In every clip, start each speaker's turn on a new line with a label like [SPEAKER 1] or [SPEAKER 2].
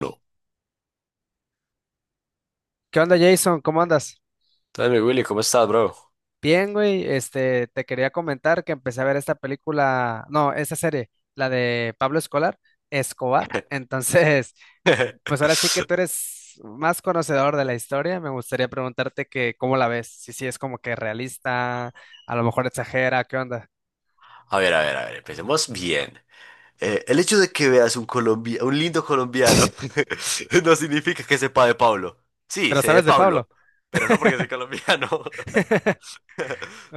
[SPEAKER 1] No.
[SPEAKER 2] ¿Qué onda, Jason? ¿Cómo andas?
[SPEAKER 1] Entonces, mi Willy, ¿cómo estás, bro?
[SPEAKER 2] Bien, güey. Te quería comentar que empecé a ver esta película, no, esta serie, la de Pablo Escolar, Escobar. Entonces, pues ahora sí que tú eres más conocedor de la historia. Me gustaría preguntarte que cómo la ves, si sí es como que realista, a lo mejor exagera, ¿qué onda?
[SPEAKER 1] A ver, a ver, a ver, empecemos bien. El hecho de que veas un lindo colombiano no significa que sepa de Pablo. Sí,
[SPEAKER 2] Pero
[SPEAKER 1] sé de
[SPEAKER 2] sabes de
[SPEAKER 1] Pablo,
[SPEAKER 2] Pablo.
[SPEAKER 1] pero no porque soy colombiano.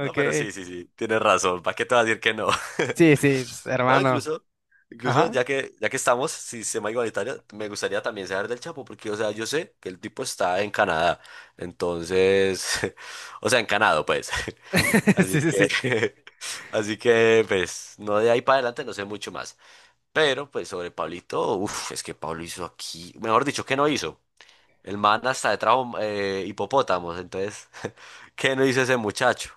[SPEAKER 1] No, pero sí, sí, sí, tienes razón. ¿Para qué te vas a decir que no?
[SPEAKER 2] Sí, sí, pues,
[SPEAKER 1] No,
[SPEAKER 2] hermano.
[SPEAKER 1] incluso
[SPEAKER 2] Ajá.
[SPEAKER 1] ya que estamos, si se llama igualitario, me gustaría también saber del Chapo, porque, o sea, yo sé que el tipo está en Canadá, entonces, o sea, en Canadá, pues.
[SPEAKER 2] Sí,
[SPEAKER 1] Así
[SPEAKER 2] sí,
[SPEAKER 1] que,
[SPEAKER 2] sí.
[SPEAKER 1] así que, pues, no, de ahí para adelante no sé mucho más. Pero, pues, sobre Pablito, uff, es que Pablo hizo aquí, mejor dicho, ¿qué no hizo? El man hasta de trajo hipopótamos, entonces, ¿qué no hizo ese muchacho?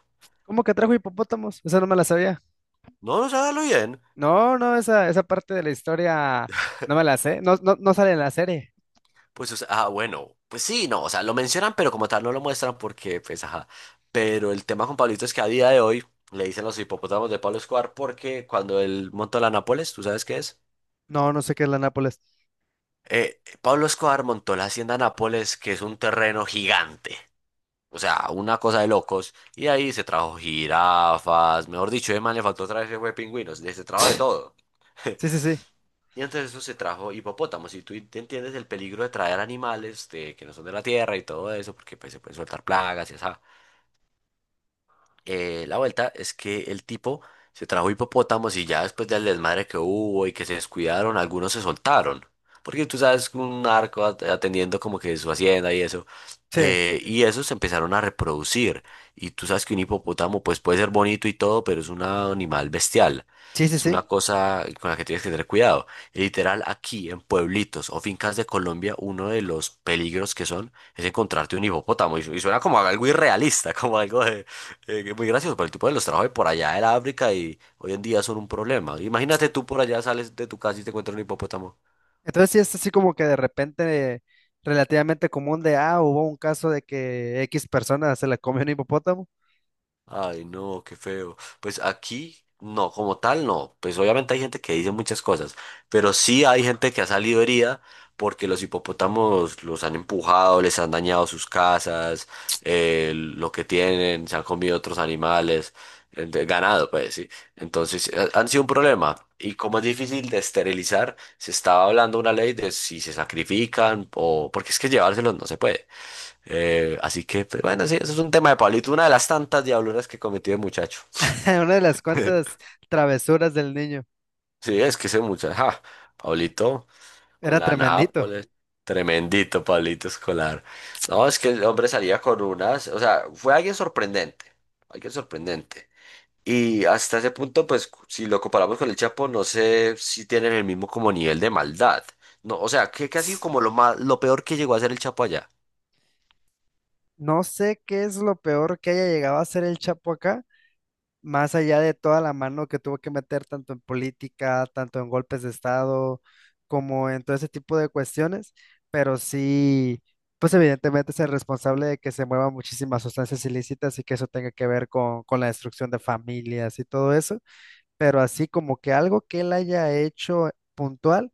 [SPEAKER 2] ¿Cómo que trajo hipopótamos? Eso no me la sabía.
[SPEAKER 1] No, no sabe lo bien.
[SPEAKER 2] No, no, esa parte de la historia no me la sé. No, no, no sale en la serie.
[SPEAKER 1] Pues, o sea, ah, bueno, pues sí, no, o sea, lo mencionan, pero como tal no lo muestran porque, pues, ajá. Pero el tema con Pablito es que a día de hoy le dicen los hipopótamos de Pablo Escobar porque cuando él montó la Nápoles, ¿tú sabes qué es?
[SPEAKER 2] No, no sé qué es la Nápoles.
[SPEAKER 1] Pablo Escobar montó la hacienda Nápoles, que es un terreno gigante, o sea, una cosa de locos, y de ahí se trajo jirafas, mejor dicho, además le faltó otra traer ese pingüinos, se trajo de todo.
[SPEAKER 2] Sí, sí, sí.
[SPEAKER 1] Y antes de eso se trajo hipopótamos, y tú te entiendes el peligro de traer animales que no son de la tierra y todo eso, porque pues, se pueden soltar plagas y así, la vuelta es que el tipo se trajo hipopótamos y ya después del desmadre que hubo y que se descuidaron, algunos se soltaron. Porque tú sabes, un narco atendiendo como que su hacienda y eso.
[SPEAKER 2] Sí.
[SPEAKER 1] Y esos se empezaron a reproducir. Y tú sabes que un hipopótamo pues puede ser bonito y todo, pero es un animal bestial.
[SPEAKER 2] Sí, sí,
[SPEAKER 1] Es una
[SPEAKER 2] sí.
[SPEAKER 1] cosa con la que tienes que tener cuidado. Y literal, aquí en pueblitos o fincas de Colombia, uno de los peligros que son es encontrarte un hipopótamo. Y suena como algo irrealista, como algo que muy gracioso, pero el tipo de los trajo de por allá de la África y hoy en día son un problema. Imagínate tú, por allá sales de tu casa y te encuentras un hipopótamo.
[SPEAKER 2] Entonces sí es así como que de repente relativamente común de, ah, hubo un caso de que X persona se la comió un hipopótamo.
[SPEAKER 1] Ay, no, qué feo. Pues aquí, no, como tal, no. Pues obviamente hay gente que dice muchas cosas, pero sí hay gente que ha salido herida porque los hipopótamos los han empujado, les han dañado sus casas, lo que tienen, se han comido otros animales, ganado, pues sí. Entonces, han sido un problema. Y como es difícil de esterilizar, se estaba hablando una ley de si se sacrifican o porque es que llevárselos no se puede. Así que, pues, bueno, sí, eso es un tema de Pablito, una de las tantas diabluras que cometió el muchacho.
[SPEAKER 2] Una de las cuantas travesuras del niño.
[SPEAKER 1] Sí, es que ese muchacho, ja, Pablito con
[SPEAKER 2] Era
[SPEAKER 1] la
[SPEAKER 2] tremendito.
[SPEAKER 1] Nápoles, tremendito Pablito Escolar. No, es que el hombre salía con unas, o sea, fue alguien sorprendente, alguien sorprendente. Y hasta ese punto, pues, si lo comparamos con el Chapo, no sé si tienen el mismo como nivel de maldad. No, o sea, que ha sido como lo más, lo peor que llegó a ser el Chapo allá.
[SPEAKER 2] No sé qué es lo peor que haya llegado a hacer el Chapo acá, más allá de toda la mano que tuvo que meter tanto en política, tanto en golpes de Estado, como en todo ese tipo de cuestiones, pero sí, pues evidentemente es el responsable de que se muevan muchísimas sustancias ilícitas y que eso tenga que ver con, la destrucción de familias y todo eso, pero así como que algo que él haya hecho puntual.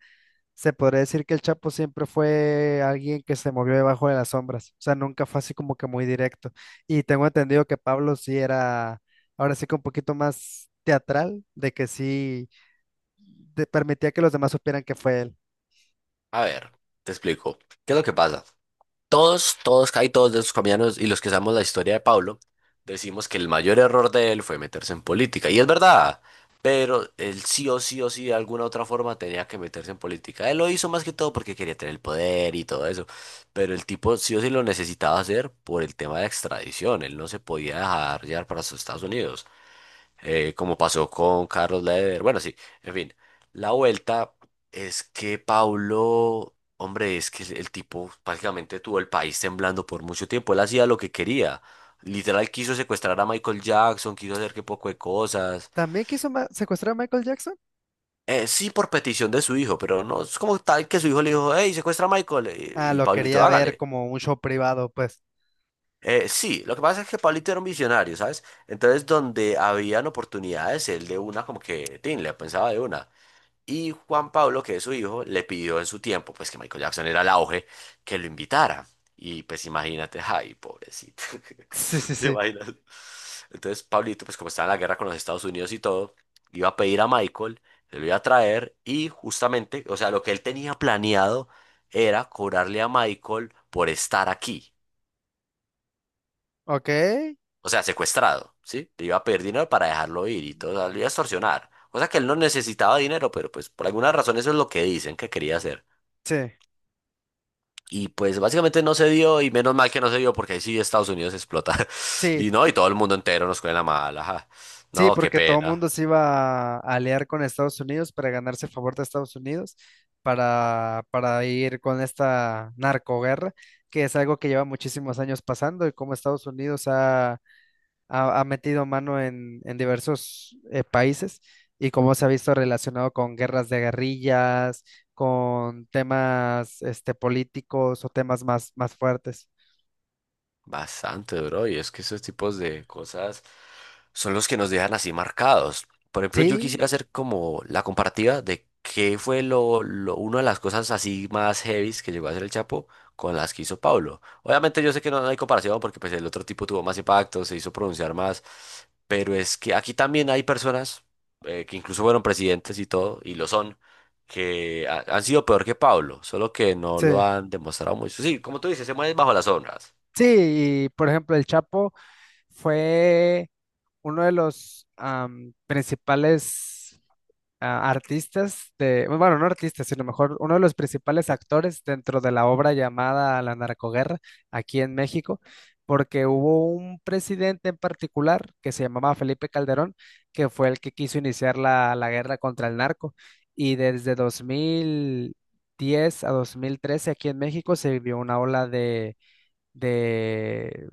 [SPEAKER 2] Se podría decir que el Chapo siempre fue alguien que se movió debajo de las sombras, o sea, nunca fue así como que muy directo. Y tengo entendido que Pablo sí era, ahora sí que un poquito más teatral, de que sí permitía que los demás supieran que fue él.
[SPEAKER 1] A ver, te explico. ¿Qué es lo que pasa? Todos, todos, casi todos de esos colombianos y los que sabemos la historia de Pablo, decimos que el mayor error de él fue meterse en política. Y es verdad, pero él sí o sí o sí de alguna otra forma tenía que meterse en política. Él lo hizo más que todo porque quería tener el poder y todo eso. Pero el tipo sí o sí lo necesitaba hacer por el tema de extradición. Él no se podía dejar llevar para sus Estados Unidos, como pasó con Carlos Leder. Bueno, sí, en fin. La vuelta es que Paulo, hombre, es que el tipo prácticamente tuvo el país temblando por mucho tiempo. Él hacía lo que quería. Literal quiso secuestrar a Michael Jackson, quiso hacer que poco de cosas.
[SPEAKER 2] ¿También quiso secuestrar a Michael Jackson?
[SPEAKER 1] Sí, por petición de su hijo, pero no es como tal que su hijo le dijo, hey, secuestra a Michael.
[SPEAKER 2] Ah,
[SPEAKER 1] Y
[SPEAKER 2] lo
[SPEAKER 1] Pablito,
[SPEAKER 2] quería ver
[SPEAKER 1] hágale.
[SPEAKER 2] como un show privado, pues.
[SPEAKER 1] Sí, lo que pasa es que Pablito era un visionario, ¿sabes? Entonces, donde habían oportunidades, él de una como que, tin, le pensaba de una. Y Juan Pablo, que es su hijo, le pidió en su tiempo, pues que Michael Jackson era el auge, que lo invitara. Y pues imagínate, ay, pobrecito.
[SPEAKER 2] Sí, sí,
[SPEAKER 1] ¿Te
[SPEAKER 2] sí.
[SPEAKER 1] imaginas? Entonces Pablito, pues como estaba en la guerra con los Estados Unidos y todo, iba a pedir a Michael, se lo iba a traer y justamente, o sea, lo que él tenía planeado era cobrarle a Michael por estar aquí,
[SPEAKER 2] Ok.
[SPEAKER 1] o sea, secuestrado, ¿sí? Le iba a pedir dinero para dejarlo ir y todo, o sea, lo iba a extorsionar. Cosa que él no necesitaba dinero, pero pues por alguna razón eso es lo que dicen que quería hacer.
[SPEAKER 2] Sí,
[SPEAKER 1] Y pues básicamente no se dio y menos mal que no se dio porque ahí sí Estados Unidos explota.
[SPEAKER 2] sí.
[SPEAKER 1] Y no, y todo el mundo entero nos coge la mala. Ajá.
[SPEAKER 2] Sí,
[SPEAKER 1] No, qué
[SPEAKER 2] porque todo el
[SPEAKER 1] pena.
[SPEAKER 2] mundo se iba a aliar con Estados Unidos para ganarse el favor de Estados Unidos, para ir con esta narcoguerra, que es algo que lleva muchísimos años pasando y como Estados Unidos ha metido mano en, diversos países y cómo se ha visto relacionado con guerras de guerrillas, con temas este, políticos o temas más fuertes.
[SPEAKER 1] Bastante, bro. Y es que esos tipos de cosas son los que nos dejan así marcados. Por ejemplo, yo
[SPEAKER 2] Sí,
[SPEAKER 1] quisiera hacer como la comparativa de qué fue una de las cosas así más heavies que llegó a hacer el Chapo con las que hizo Pablo. Obviamente yo sé que no, no hay comparación porque pues el otro tipo tuvo más impacto, se hizo pronunciar más, pero es que aquí también hay personas, que incluso fueron presidentes y todo, y lo son, que han sido peor que Pablo, solo que no lo
[SPEAKER 2] sí.
[SPEAKER 1] han demostrado mucho. Sí, como tú dices, se mueven bajo las sombras.
[SPEAKER 2] Sí, y por ejemplo, el Chapo. Fue uno de los principales artistas de, bueno, no artistas, sino mejor, uno de los principales actores dentro de la obra llamada La Narcoguerra aquí en México, porque hubo un presidente en particular que se llamaba Felipe Calderón, que fue el que quiso iniciar la guerra contra el narco, y desde 2010 a 2013 aquí en México se vivió una ola de,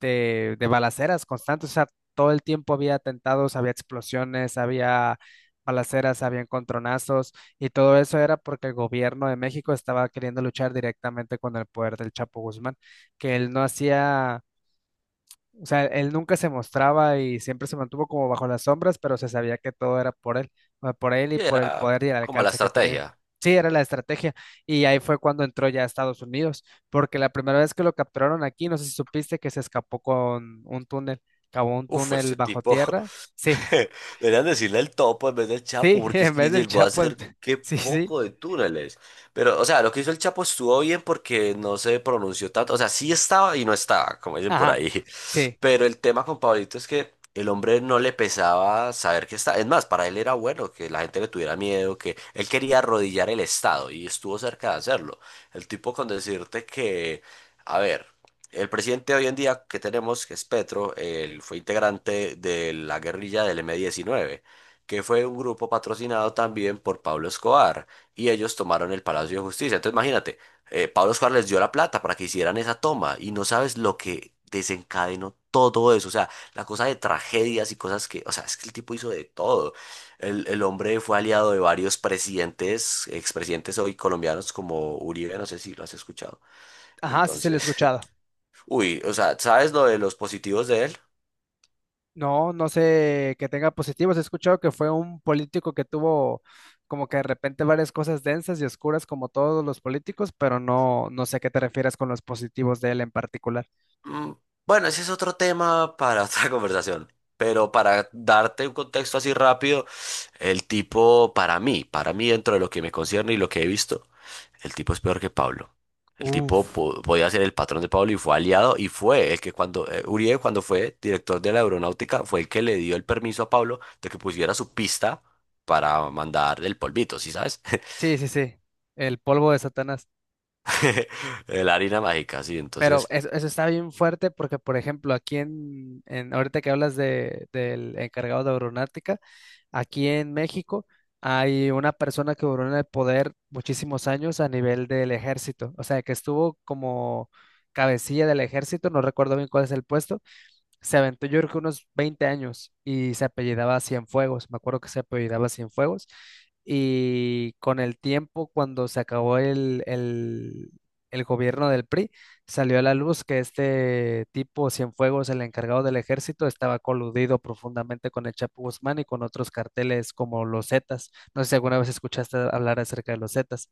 [SPEAKER 2] de balaceras constantes, o sea, todo el tiempo había atentados, había explosiones, había balaceras, había encontronazos, y todo eso era porque el gobierno de México estaba queriendo luchar directamente con el poder del Chapo Guzmán, que él no hacía o sea, él nunca se mostraba y siempre se mantuvo como bajo las sombras, pero se sabía que todo era por él, o por él y
[SPEAKER 1] Que
[SPEAKER 2] por el
[SPEAKER 1] era
[SPEAKER 2] poder y el
[SPEAKER 1] como la
[SPEAKER 2] alcance que tenía.
[SPEAKER 1] estrategia.
[SPEAKER 2] Sí, era la estrategia. Y ahí fue cuando entró ya a Estados Unidos, porque la primera vez que lo capturaron aquí, no sé si supiste que se escapó con un túnel, cavó un
[SPEAKER 1] Uf,
[SPEAKER 2] túnel
[SPEAKER 1] ese
[SPEAKER 2] bajo
[SPEAKER 1] tipo,
[SPEAKER 2] tierra. Sí,
[SPEAKER 1] deberían decirle el topo en vez del Chapo,
[SPEAKER 2] sí,
[SPEAKER 1] porque es
[SPEAKER 2] en
[SPEAKER 1] que
[SPEAKER 2] vez del
[SPEAKER 1] llegó a
[SPEAKER 2] Chapo,
[SPEAKER 1] hacer qué
[SPEAKER 2] sí, sí,
[SPEAKER 1] poco de túneles. Pero, o sea, lo que hizo el Chapo estuvo bien porque no se pronunció tanto. O sea, sí estaba y no estaba, como dicen por
[SPEAKER 2] ajá,
[SPEAKER 1] ahí.
[SPEAKER 2] sí,
[SPEAKER 1] Pero el tema con Pablito es que el hombre no le pesaba saber que está. Es más, para él era bueno que la gente le tuviera miedo, que él quería arrodillar el Estado y estuvo cerca de hacerlo. El tipo, con decirte que, a ver. El presidente hoy en día que tenemos, que es Petro, él fue integrante de la guerrilla del M-19, que fue un grupo patrocinado también por Pablo Escobar, y ellos tomaron el Palacio de Justicia. Entonces imagínate, Pablo Escobar les dio la plata para que hicieran esa toma, y no sabes lo que desencadenó todo eso, o sea, la cosa de tragedias y cosas que, o sea, es que el tipo hizo de todo. El hombre fue aliado de varios presidentes, expresidentes hoy colombianos como Uribe, no sé si lo has escuchado.
[SPEAKER 2] ajá, sí se lo he
[SPEAKER 1] Entonces...
[SPEAKER 2] escuchado.
[SPEAKER 1] Uy, o sea, ¿sabes lo de los positivos de él?
[SPEAKER 2] No, no sé que tenga positivos. He escuchado que fue un político que tuvo como que de repente varias cosas densas y oscuras como todos los políticos, pero no, no sé a qué te refieres con los positivos de él en particular.
[SPEAKER 1] Mm, Bueno, ese es otro tema para otra conversación, pero para darte un contexto así rápido, el tipo, para mí, para mí, dentro de lo que me concierne y lo que he visto, el tipo es peor que Pablo. El tipo
[SPEAKER 2] Uf,
[SPEAKER 1] podía ser el patrón de Pablo y fue aliado y fue el que cuando, Uribe, cuando fue director de la aeronáutica, fue el que le dio el permiso a Pablo de que pusiera su pista para mandar el polvito, ¿sí sabes?
[SPEAKER 2] sí, sí, sí. El polvo de Satanás.
[SPEAKER 1] La harina mágica, sí.
[SPEAKER 2] Pero
[SPEAKER 1] Entonces,
[SPEAKER 2] eso está bien fuerte porque, por ejemplo, aquí en ahorita que hablas de, del, encargado de aeronáutica, aquí en México hay una persona que duró en el poder muchísimos años a nivel del ejército, o sea, que estuvo como cabecilla del ejército, no recuerdo bien cuál es el puesto, se aventó yo creo que unos 20 años y se apellidaba Cienfuegos, me acuerdo que se apellidaba Cienfuegos y con el tiempo cuando se acabó el gobierno del PRI salió a la luz que este tipo Cienfuegos, el encargado del ejército, estaba coludido profundamente con el Chapo Guzmán y con otros carteles como los Zetas. No sé si alguna vez escuchaste hablar acerca de los Zetas.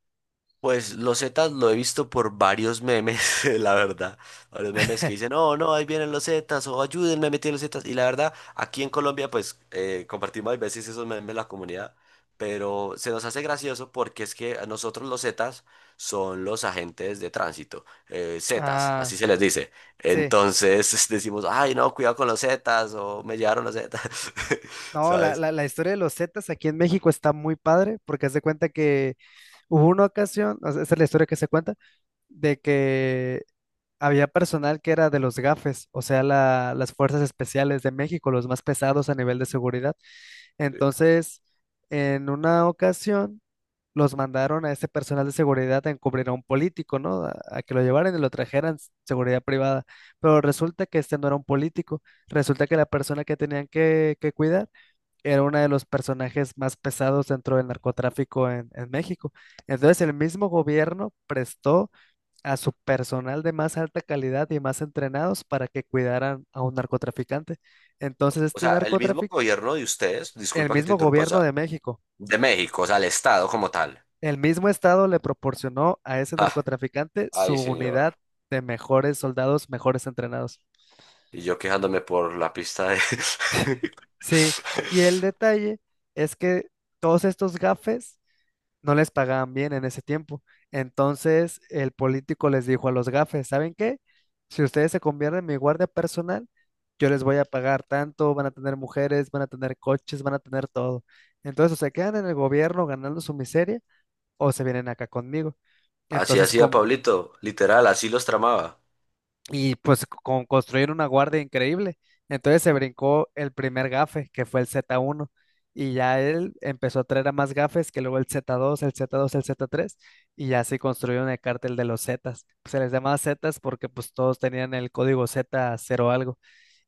[SPEAKER 1] pues los Zetas lo he visto por varios memes, la verdad. Varios memes que dicen, no, no, ahí vienen los Zetas, o ayúdenme a meter los Zetas. Y la verdad, aquí en Colombia, pues compartimos a veces esos memes en la comunidad, pero se nos hace gracioso porque es que a nosotros los Zetas son los agentes de tránsito, Zetas,
[SPEAKER 2] Ah,
[SPEAKER 1] así se les dice.
[SPEAKER 2] sí.
[SPEAKER 1] Entonces decimos, ay, no, cuidado con los Zetas, o me llevaron los Zetas,
[SPEAKER 2] No, la,
[SPEAKER 1] ¿sabes?
[SPEAKER 2] la, la historia de los Zetas aquí en México está muy padre porque haz de cuenta que hubo una ocasión, o sea, esa es la historia que se cuenta, de que había personal que era de los GAFES, o sea, las fuerzas especiales de México, los más pesados a nivel de seguridad. Entonces, en una ocasión, los mandaron a este personal de seguridad a encubrir a un político, ¿no? A que lo llevaran y lo trajeran seguridad privada. Pero resulta que este no era un político, resulta que la persona que tenían que cuidar era uno de los personajes más pesados dentro del narcotráfico en México. Entonces el mismo gobierno prestó a su personal de más alta calidad y más entrenados para que cuidaran a un narcotraficante. Entonces
[SPEAKER 1] O
[SPEAKER 2] este
[SPEAKER 1] sea, el mismo
[SPEAKER 2] narcotraficante,
[SPEAKER 1] gobierno de ustedes,
[SPEAKER 2] el
[SPEAKER 1] disculpa que te
[SPEAKER 2] mismo
[SPEAKER 1] interrumpa, o
[SPEAKER 2] gobierno de
[SPEAKER 1] sea,
[SPEAKER 2] México,
[SPEAKER 1] de México, o sea, el estado como tal.
[SPEAKER 2] el mismo estado le proporcionó a ese
[SPEAKER 1] Ah,
[SPEAKER 2] narcotraficante
[SPEAKER 1] ay,
[SPEAKER 2] su
[SPEAKER 1] señor.
[SPEAKER 2] unidad de mejores soldados, mejores entrenados.
[SPEAKER 1] Y yo quejándome por la pista de...
[SPEAKER 2] Sí, y el detalle es que todos estos gafes no les pagaban bien en ese tiempo. Entonces el político les dijo a los gafes, ¿saben qué? Si ustedes se convierten en mi guardia personal, yo les voy a pagar tanto, van a tener mujeres, van a tener coches, van a tener todo. Entonces o se quedan en el gobierno ganando su miseria o se vienen acá conmigo.
[SPEAKER 1] Así
[SPEAKER 2] Entonces
[SPEAKER 1] hacía Pablito, literal, así los tramaba.
[SPEAKER 2] y pues con construir una guardia increíble. Entonces se brincó el primer gafe, que fue el Z1, y ya él empezó a traer a más gafes, que luego el Z2, el Z3, y ya se construyó el cártel de los Zetas. Se les llamaba Zetas porque pues todos tenían el código Z0 algo,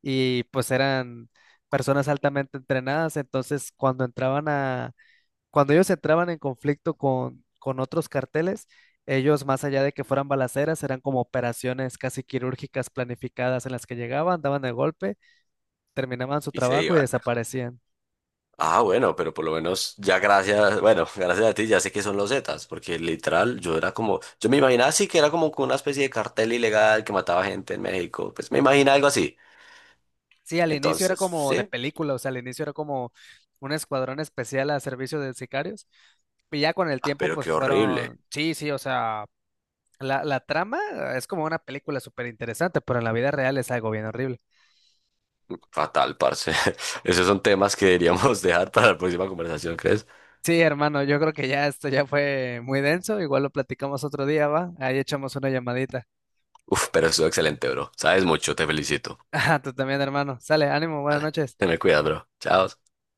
[SPEAKER 2] y pues eran personas altamente entrenadas, entonces cuando ellos entraban en conflicto con, otros carteles, ellos, más allá de que fueran balaceras, eran como operaciones casi quirúrgicas planificadas en las que llegaban, daban el golpe, terminaban su
[SPEAKER 1] Y se
[SPEAKER 2] trabajo y
[SPEAKER 1] iban.
[SPEAKER 2] desaparecían.
[SPEAKER 1] Ah, bueno, pero por lo menos ya, gracias, bueno, gracias a ti ya sé que son los Zetas, porque literal yo era como, yo me imaginaba así que era como con una especie de cartel ilegal que mataba gente en México, pues me imaginaba algo así.
[SPEAKER 2] Sí, al inicio era
[SPEAKER 1] Entonces,
[SPEAKER 2] como de
[SPEAKER 1] sí,
[SPEAKER 2] película, o sea, al inicio era como un escuadrón especial a servicio de sicarios. Y ya con el
[SPEAKER 1] ah,
[SPEAKER 2] tiempo,
[SPEAKER 1] pero
[SPEAKER 2] pues
[SPEAKER 1] qué
[SPEAKER 2] fueron,
[SPEAKER 1] horrible,
[SPEAKER 2] sí, sí, o sea, la trama es como una película súper interesante, pero en la vida real es algo bien horrible.
[SPEAKER 1] fatal, parce. Esos son temas que deberíamos dejar para la próxima conversación, ¿crees?
[SPEAKER 2] Sí, hermano, yo creo que ya esto ya fue muy denso. Igual lo platicamos otro día, ¿va? Ahí echamos una llamadita.
[SPEAKER 1] Uf, pero estuvo excelente, bro. Sabes mucho, te felicito.
[SPEAKER 2] Ah, tú también, hermano. Sale, ánimo, buenas
[SPEAKER 1] Vale,
[SPEAKER 2] noches.
[SPEAKER 1] ten cuidado, bro. Chao.